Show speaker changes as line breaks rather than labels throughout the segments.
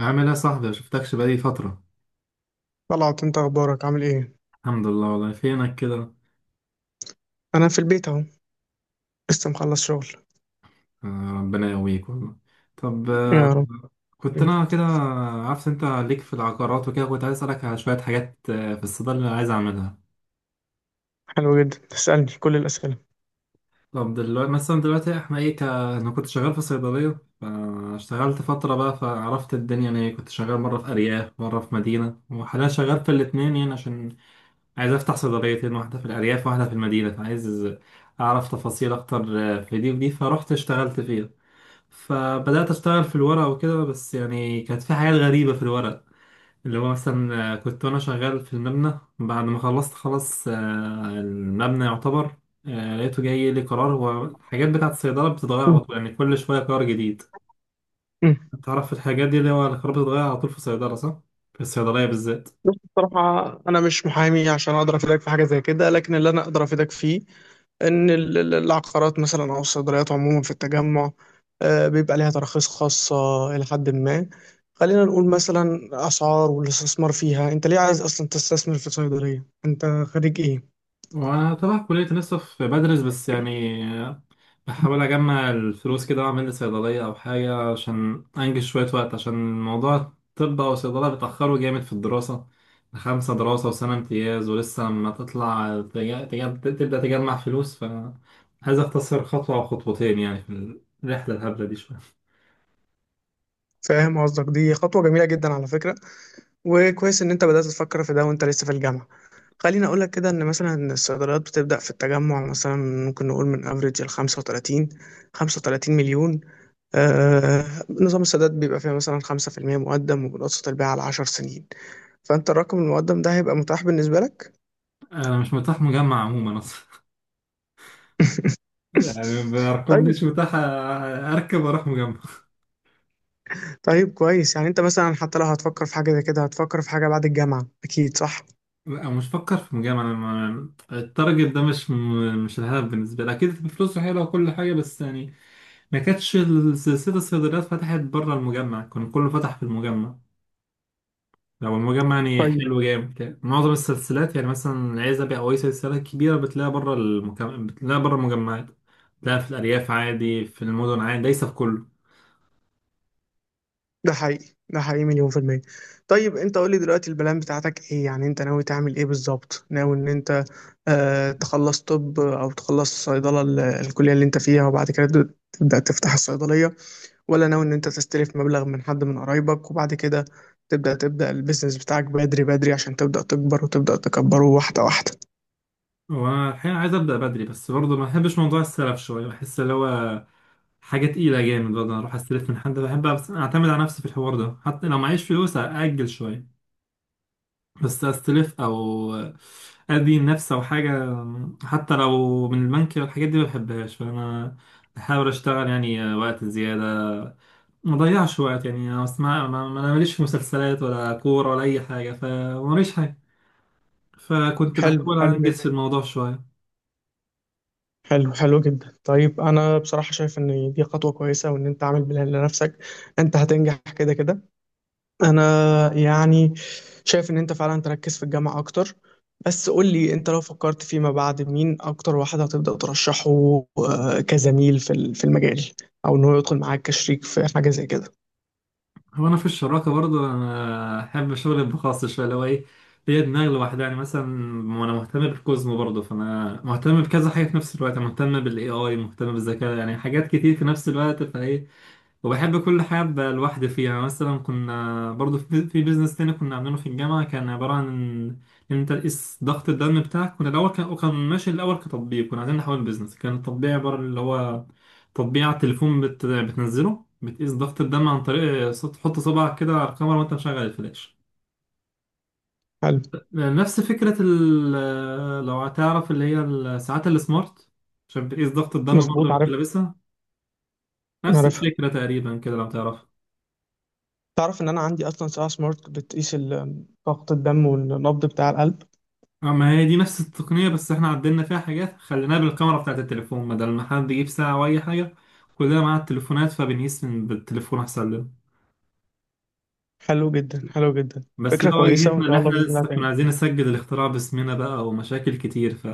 عامل ايه يا صاحبي؟ مشفتكش بقالي فترة.
طلعت انت، اخبارك، عامل ايه؟
الحمد لله والله. فينك كده؟
انا في البيت اهو. لسه مخلص شغل.
ربنا يقويك والله. طب
يا رب.
كنت
مم.
انا كده عارف انت ليك في العقارات وكده، كنت عايز اسألك على شوية حاجات في الصيدلة اللي عايز اعملها.
حلو جدا تسألني كل الاسئله.
طب دلوقتي مثلا، دلوقتي احنا ايه انا كنت شغال في صيدلية، فاشتغلت فترة بقى فعرفت الدنيا، يعني كنت شغال مرة في أرياف مرة في مدينة وحاليا شغال في الاتنين، يعني عشان عايز افتح صيدليتين، واحدة في الأرياف واحدة في المدينة، فعايز أعرف تفاصيل أكتر في دي ودي. فرحت اشتغلت فيه، فبدأت أشتغل في الورق وكده، بس يعني كانت في حاجات غريبة في الورق، اللي هو مثلا كنت وأنا شغال في المبنى بعد ما خلصت خلاص المبنى يعتبر لقيته جاي لي قرار. هو الحاجات بتاعة الصيدلة بتتغير على
مم.
طول، يعني كل شوية قرار جديد.
مم.
تعرف الحاجات دي اللي هو القرار بتتغير على طول في الصيدلة صح؟ في الصيدلية بالذات.
بص، بصراحة أنا مش محامي عشان أقدر أفيدك في حاجة زي كده، لكن اللي أنا أقدر أفيدك فيه إن العقارات مثلا أو الصيدليات عموما في التجمع بيبقى ليها تراخيص خاصة إلى حد ما. خلينا نقول مثلا أسعار والاستثمار فيها. أنت ليه عايز أصلا تستثمر في صيدلية؟ أنت خريج إيه؟
وأنا تبع كلية لسه في بدرس، بس يعني بحاول أجمع الفلوس كده وأعمل لي صيدلية أو حاجة عشان أنجز شوية وقت، عشان موضوع الطب أو الصيدلة بيتأخروا جامد في الدراسة. خمسة دراسة وسنة امتياز، ولسه ما تطلع تبدأ تجمع فلوس، فعايز أختصر خطوة أو خطوتين يعني في الرحلة الهبلة دي شوية.
فاهم قصدك، دي خطوة جميلة جدا على فكرة، وكويس ان انت بدأت تفكر في ده وانت لسه في الجامعة. خليني اقول لك كده، ان مثلا الصيدليات بتبدأ في التجمع مثلا ممكن نقول من افريج ال 35، 35 مليون. آه. نظام السداد بيبقى فيها مثلا 5% مقدم، وبنقسط البيع على 10 سنين، فانت الرقم المقدم ده هيبقى متاح بالنسبة لك؟
أنا مش متاح مجمع عموما أصلا. يعني بأرقام دي
طيب.
مش متاح أركب وأروح مجمع.
طيب كويس، يعني انت مثلا حتى لو هتفكر في حاجة زي كده هتفكر في حاجة بعد الجامعة اكيد، صح؟
لا، مش فكر في مجامعة. أنا ما- التارجت ده مش الهدف بالنسبة لي، أكيد فلوسه حلوة وكل حاجة، بس يعني ما كانتش السلسلة الصيدليات فتحت بره المجمع، كان كله فتح في المجمع. لو المجمع يعني
كويس.
حلو جامد، يعني معظم السلسلات يعني مثلا العزبي أو أي سلسلة كبيرة بتلاقيها بره بتلاقيها بره المجمعات. بتلاقيها في الأرياف عادي، في المدن عادي، ليس في كله.
ده حقيقي، ده حقيقي مليون في المية. طيب انت قول لي دلوقتي البلان بتاعتك ايه؟ يعني انت ناوي تعمل ايه بالظبط؟ ناوي ان انت تخلص طب او تخلص صيدلة الكلية اللي انت فيها وبعد كده تبدأ تفتح الصيدلية، ولا ناوي ان انت تستلف مبلغ من حد من قرايبك وبعد كده تبدأ البيزنس بتاعك بدري بدري عشان تبدأ تكبر وتبدأ تكبره واحدة واحدة؟
وأنا الحقيقة عايز أبدأ بدري، بس برضه ما بحبش موضوع السلف شوية، بحس اللي هو حاجة تقيلة جامد برضه أروح أستلف من حد. بحب أعتمد على نفسي في الحوار ده، حتى لو معيش فلوس أأجل شوية، بس استلف او ادي النفس او حاجه حتى لو من البنك، الحاجات دي ما بحبهاش. فانا بحاول اشتغل يعني وقت زياده، ما ضيعش وقت. يعني انا اسمع انا ماليش في مسلسلات ولا كوره ولا اي حاجه، فماليش حاجه، فكنت
حلو،
بحاول
حلو
انجز في
جدا.
الموضوع شويه.
حلو حلو جدا. طيب انا بصراحة شايف ان دي خطوة كويسة وان انت عامل بلان لنفسك. انت هتنجح كده كده. انا يعني شايف ان انت فعلا تركز في الجامعة اكتر. بس قول لي، انت لو فكرت فيما بعد مين اكتر واحد هتبدأ ترشحه كزميل في في المجال، او ان هو يدخل معاك كشريك في حاجة زي كده؟
هو في الشراكه برضو انا احب شغل الخاص شويه، اللي هو ايه، ليا دماغ لوحدها. يعني مثلا انا مهتم بالكوزمو برضو، فانا مهتم بكذا حاجه في نفس الوقت. أنا مهتم بالاي اي، مهتم بالذكاء، يعني حاجات كتير في نفس الوقت، فايه وبحب كل حاجة أبقى لوحدي فيها. مثلا كنا برضو في بيزنس تاني كنا عاملينه في الجامعة، كان عبارة عن إن أنت تقيس ضغط الدم بتاعك. كنا الأول كان وكان ماشي الأول كتطبيق، كنا عايزين نحول بيزنس. كان التطبيق عبارة اللي هو تطبيق على التليفون بتنزله بتقيس ضغط الدم عن طريق تحط صبعك كده على الكاميرا وأنت مشغل الفلاش.
حلو.
نفس فكرة لو هتعرف اللي هي الساعات السمارت، عشان بتقيس ضغط الدم برضه
مظبوط،
وأنت
عارف.
لابسها. نفس
عارف.
الفكرة تقريبا كده لو تعرف.
تعرف ان انا عندي اصلا ساعة سمارت بتقيس ضغط الدم والنبض بتاع القلب.
اه، ما هي دي نفس التقنية، بس احنا عدلنا فيها حاجات، خليناها بالكاميرا بتاعت التليفون بدل ما حد يجيب ساعة أو أي حاجة. كلنا معانا التليفونات، فبنقيس من بالتليفون أحسن لنا.
حلو جدا، حلو جدا.
بس
فكرة
ده
كويسة وان
واجهتنا، اللي
شاء الله
احنا
بإذن الله
لسه كنا
هتنجح.
عايزين نسجل الاختراع باسمنا بقى، ومشاكل كتير ف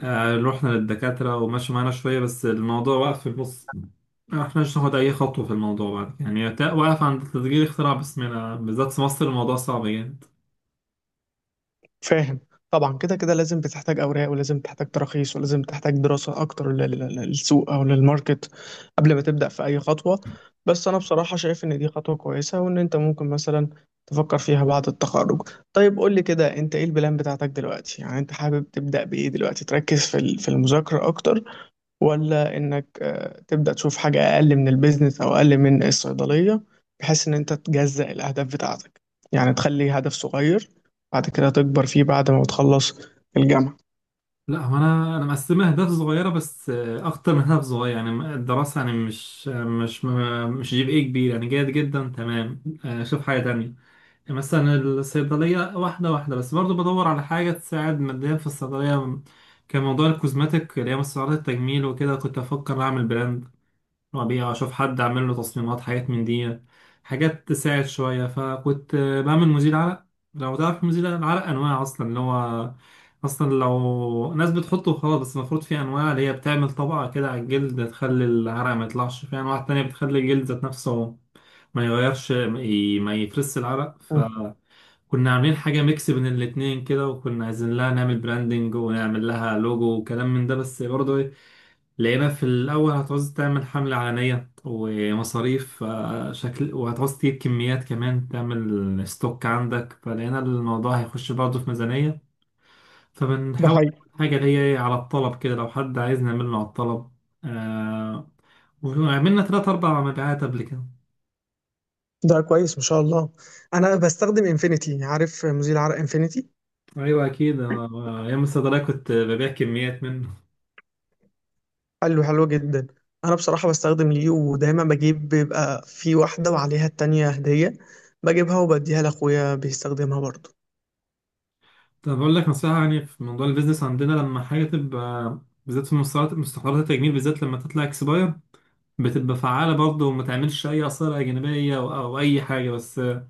رحنا للدكاترة ومشوا معانا شوية، بس الموضوع وقف في النص. ما احناش ناخد أي خطوة في الموضوع بعد كده. يعني واقف عند تسجيل اختراع باسمنا، بالذات في مصر الموضوع صعب جامد.
فاهم. طبعا كده كده لازم بتحتاج اوراق ولازم تحتاج تراخيص ولازم تحتاج دراسه اكتر للسوق او للماركت قبل ما تبدا في اي خطوه، بس انا بصراحه شايف ان دي خطوه كويسه وان انت ممكن مثلا تفكر فيها بعد التخرج. طيب قول لي كده، انت ايه البلان بتاعتك دلوقتي؟ يعني انت حابب تبدا بايه دلوقتي؟ تركز في في المذاكره اكتر، ولا انك تبدأ تشوف حاجة اقل من البيزنس او اقل من الصيدلية، بحيث ان انت تجزأ الاهداف بتاعتك؟ يعني تخلي هدف صغير بعد كده تكبر فيه بعد ما تخلص الجامعة.
لا، هو انا مقسمها اهداف صغيره، بس اكتر من هدف صغير. يعني الدراسه يعني مش مش جيب ايه كبير، يعني جيد جدا تمام. شوف حاجه تانية، يعني مثلا الصيدليه واحده واحده. بس برضو بدور على حاجه تساعد ماديا في الصيدليه، كان موضوع الكوزماتيك اللي هي مستحضرات التجميل وكده، كنت افكر اعمل براند وأبيع، أشوف حد أعمل له تصميمات حاجات من دي، حاجات تساعد شوية. فكنت بعمل مزيل عرق. لو تعرف مزيل العرق أنواع أصلا، اللي هو أصلا لو ناس بتحطه خلاص، بس المفروض في أنواع اللي هي بتعمل طبقة كده على الجلد تخلي العرق ما يطلعش، في أنواع تانية بتخلي الجلد ذات نفسه ما يغيرش، ما يفرس العرق.
مم.
فكنا عاملين حاجة ميكس بين الاتنين كده، وكنا عايزين لها نعمل براندنج ونعمل لها لوجو وكلام من ده، بس برضه لقينا في الأول هتعوز تعمل حملة إعلانية ومصاريف شكل، وهتعوز تجيب كميات كمان تعمل ستوك عندك، فلقينا الموضوع هيخش برضه في ميزانية.
ده
فبنحاول
حقيقي.
نعمل حاجة اللي هي على الطلب كده، لو حد عايز نعمله على الطلب. آه. وعملنا تلات أربع مبيعات قبل كده.
ده كويس، ما شاء الله. انا بستخدم انفينيتي، عارف مزيل عرق انفينيتي؟
أيوة أكيد، أيام الصيدلية كنت ببيع كميات منه.
حلو، حلو جدا. انا بصراحه بستخدم ليو، ودايما بجيب بيبقى في واحده وعليها التانية هديه، بجيبها وبديها لاخويا بيستخدمها برضه.
طب أقول لك نصيحة، يعني في موضوع البيزنس عندنا لما حاجة تبقى، بالذات في مستحضرات التجميل، بالذات لما تطلع اكسباير بتبقى فعالة برضه وما تعملش أي آثار جانبية أو أي حاجة، بس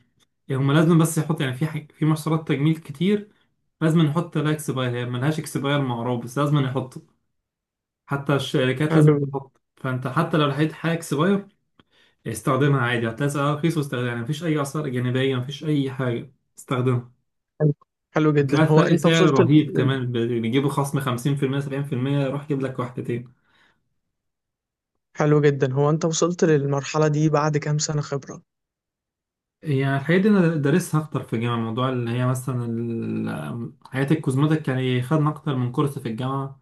هما لازم بس يحط. يعني في حاجة في محصولات تجميل كتير لازم نحط لها اكسباير، هي ملهاش اكسباير معروف بس لازم نحطه، حتى الشركات
حلو.
لازم تحط. فأنت حتى لو لقيت حاجة اكسباير استخدمها عادي، هتلاقي سعرها رخيص واستخدمها، يعني مفيش أي آثار جانبية مفيش أي حاجة، استخدمها.
حلو، حلو جدا.
هتلاقي
هو
فرق
انت
سعر
وصلت
رهيب كمان، بيجيبوا خصم 50% 70% يروح يجيب لك واحدتين.
حلو جدا هو انت وصلت للمرحلة دي بعد كام سنة خبرة؟
يعني الحاجات دي انا دارسها اكتر في الجامعه، الموضوع اللي هي مثلا حاجات الكوزماتيك، يعني خدنا اكتر من كورس في الجامعه،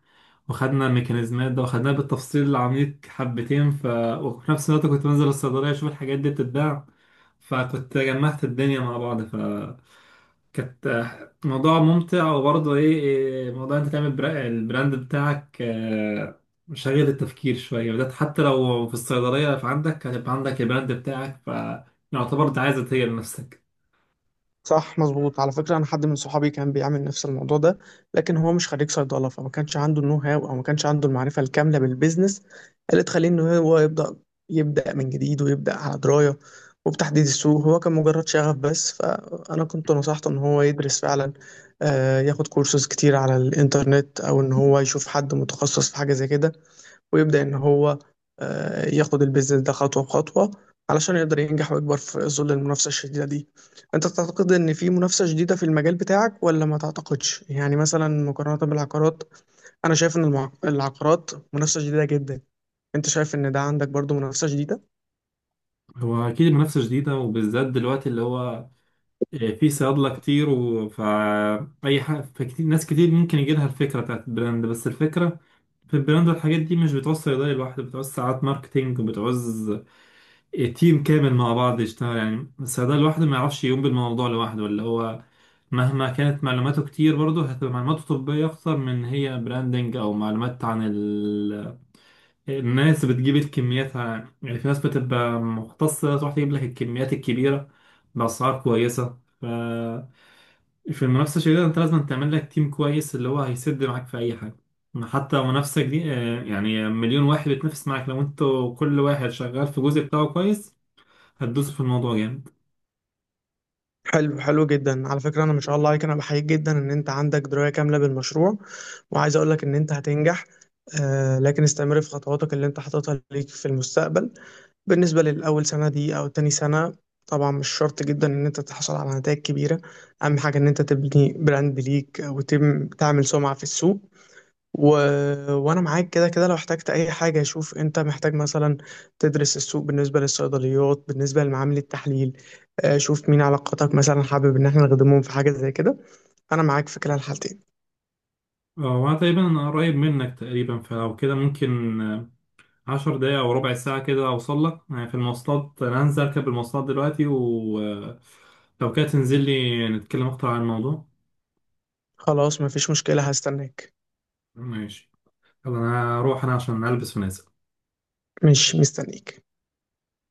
وخدنا الميكانيزمات ده وخدناها بالتفصيل العميق حبتين ف وفي نفس الوقت كنت بنزل الصيدليه اشوف الحاجات دي بتتباع، فكنت جمعت الدنيا مع بعض. كانت موضوع ممتع، وبرضه ايه إيه، موضوع انت تعمل البراند بتاعك شغل التفكير شوية بدأت، حتى لو في الصيدلية فعندك هتبقى عندك البراند بتاعك، فيعتبر انت عايز تغير لنفسك.
صح، مظبوط، على فكرة انا حد من صحابي كان بيعمل نفس الموضوع ده، لكن هو مش خريج صيدلة فما كانش عنده النو هاو او ما كانش عنده المعرفة الكاملة بالبيزنس اللي تخليه ان هو يبدأ من جديد ويبدأ على دراية وبتحديد السوق. هو كان مجرد شغف بس، فانا كنت نصحته ان هو يدرس فعلا، ياخد كورسات كتير على الانترنت، او ان هو يشوف حد متخصص في حاجة زي كده، ويبدأ إن هو ياخد البيزنس ده خطوة بخطوة علشان يقدر ينجح ويكبر في ظل المنافسة الشديدة دي. أنت تعتقد إن في منافسة شديدة في المجال بتاعك ولا ما تعتقدش؟ يعني مثلا مقارنة بالعقارات، أنا شايف إن العقارات منافسة شديدة جدا. أنت شايف إن ده عندك برضو منافسة شديدة؟
هو أكيد المنافسة شديدة، وبالذات دلوقتي اللي هو في صيادلة كتير فأي حاجة، فكتير ناس كتير ممكن يجيلها الفكرة بتاعت البراند. بس الفكرة في البراند والحاجات دي مش بتعوز صيدلية لوحده، بتعوز ساعات ماركتينج وبتعوز تيم كامل مع بعض يشتغل، يعني الصيدلي لوحده ما يعرفش يقوم بالموضوع لوحده، اللي هو مهما كانت معلوماته كتير برضه هتبقى معلوماته طبية أكتر من هي براندنج أو معلومات عن الناس بتجيب الكميات يعني في ناس بتبقى مختصة تروح تجيب لك الكميات الكبيرة بأسعار كويسة ف في المنافسة الشديدة أنت لازم تعمل لك تيم كويس، اللي هو هيسد معاك في أي حاجة. حتى منافسة دي يعني مليون واحد بيتنافس معاك، لو انتوا كل واحد شغال في جزء بتاعه كويس هتدوس في الموضوع جامد.
حلو، حلو جدا، على فكرة. أنا ما شاء الله عليك، أنا بحييك جدا إن أنت عندك دراية كاملة بالمشروع وعايز أقولك إن أنت هتنجح، لكن استمر في خطواتك اللي أنت حاططها ليك في المستقبل. بالنسبة للأول سنة دي أو تاني سنة طبعا مش شرط جدا إن أنت تحصل على نتائج كبيرة. أهم حاجة إن أنت تبني براند ليك وتعمل سمعة في السوق، و... وأنا معاك كده كده. لو احتجت أي حاجة شوف أنت محتاج مثلا تدرس السوق بالنسبة للصيدليات، بالنسبة لمعامل التحليل، شوف مين علاقاتك مثلا حابب إن احنا نخدمهم في حاجة زي كده. أنا معاك في كلا الحالتين.
وانا تقريبا قريب منك تقريبا، فلو كده ممكن عشر دقايق او ربع ساعة كده اوصل لك، يعني في المواصلات انا هنزل اركب المواصلات دلوقتي، ولو كده تنزل لي نتكلم اكتر عن الموضوع.
خلاص، مفيش مشكلة، هستناك.
ماشي. يلا انا هروح انا عشان البس ونازل.
مش مستنيك.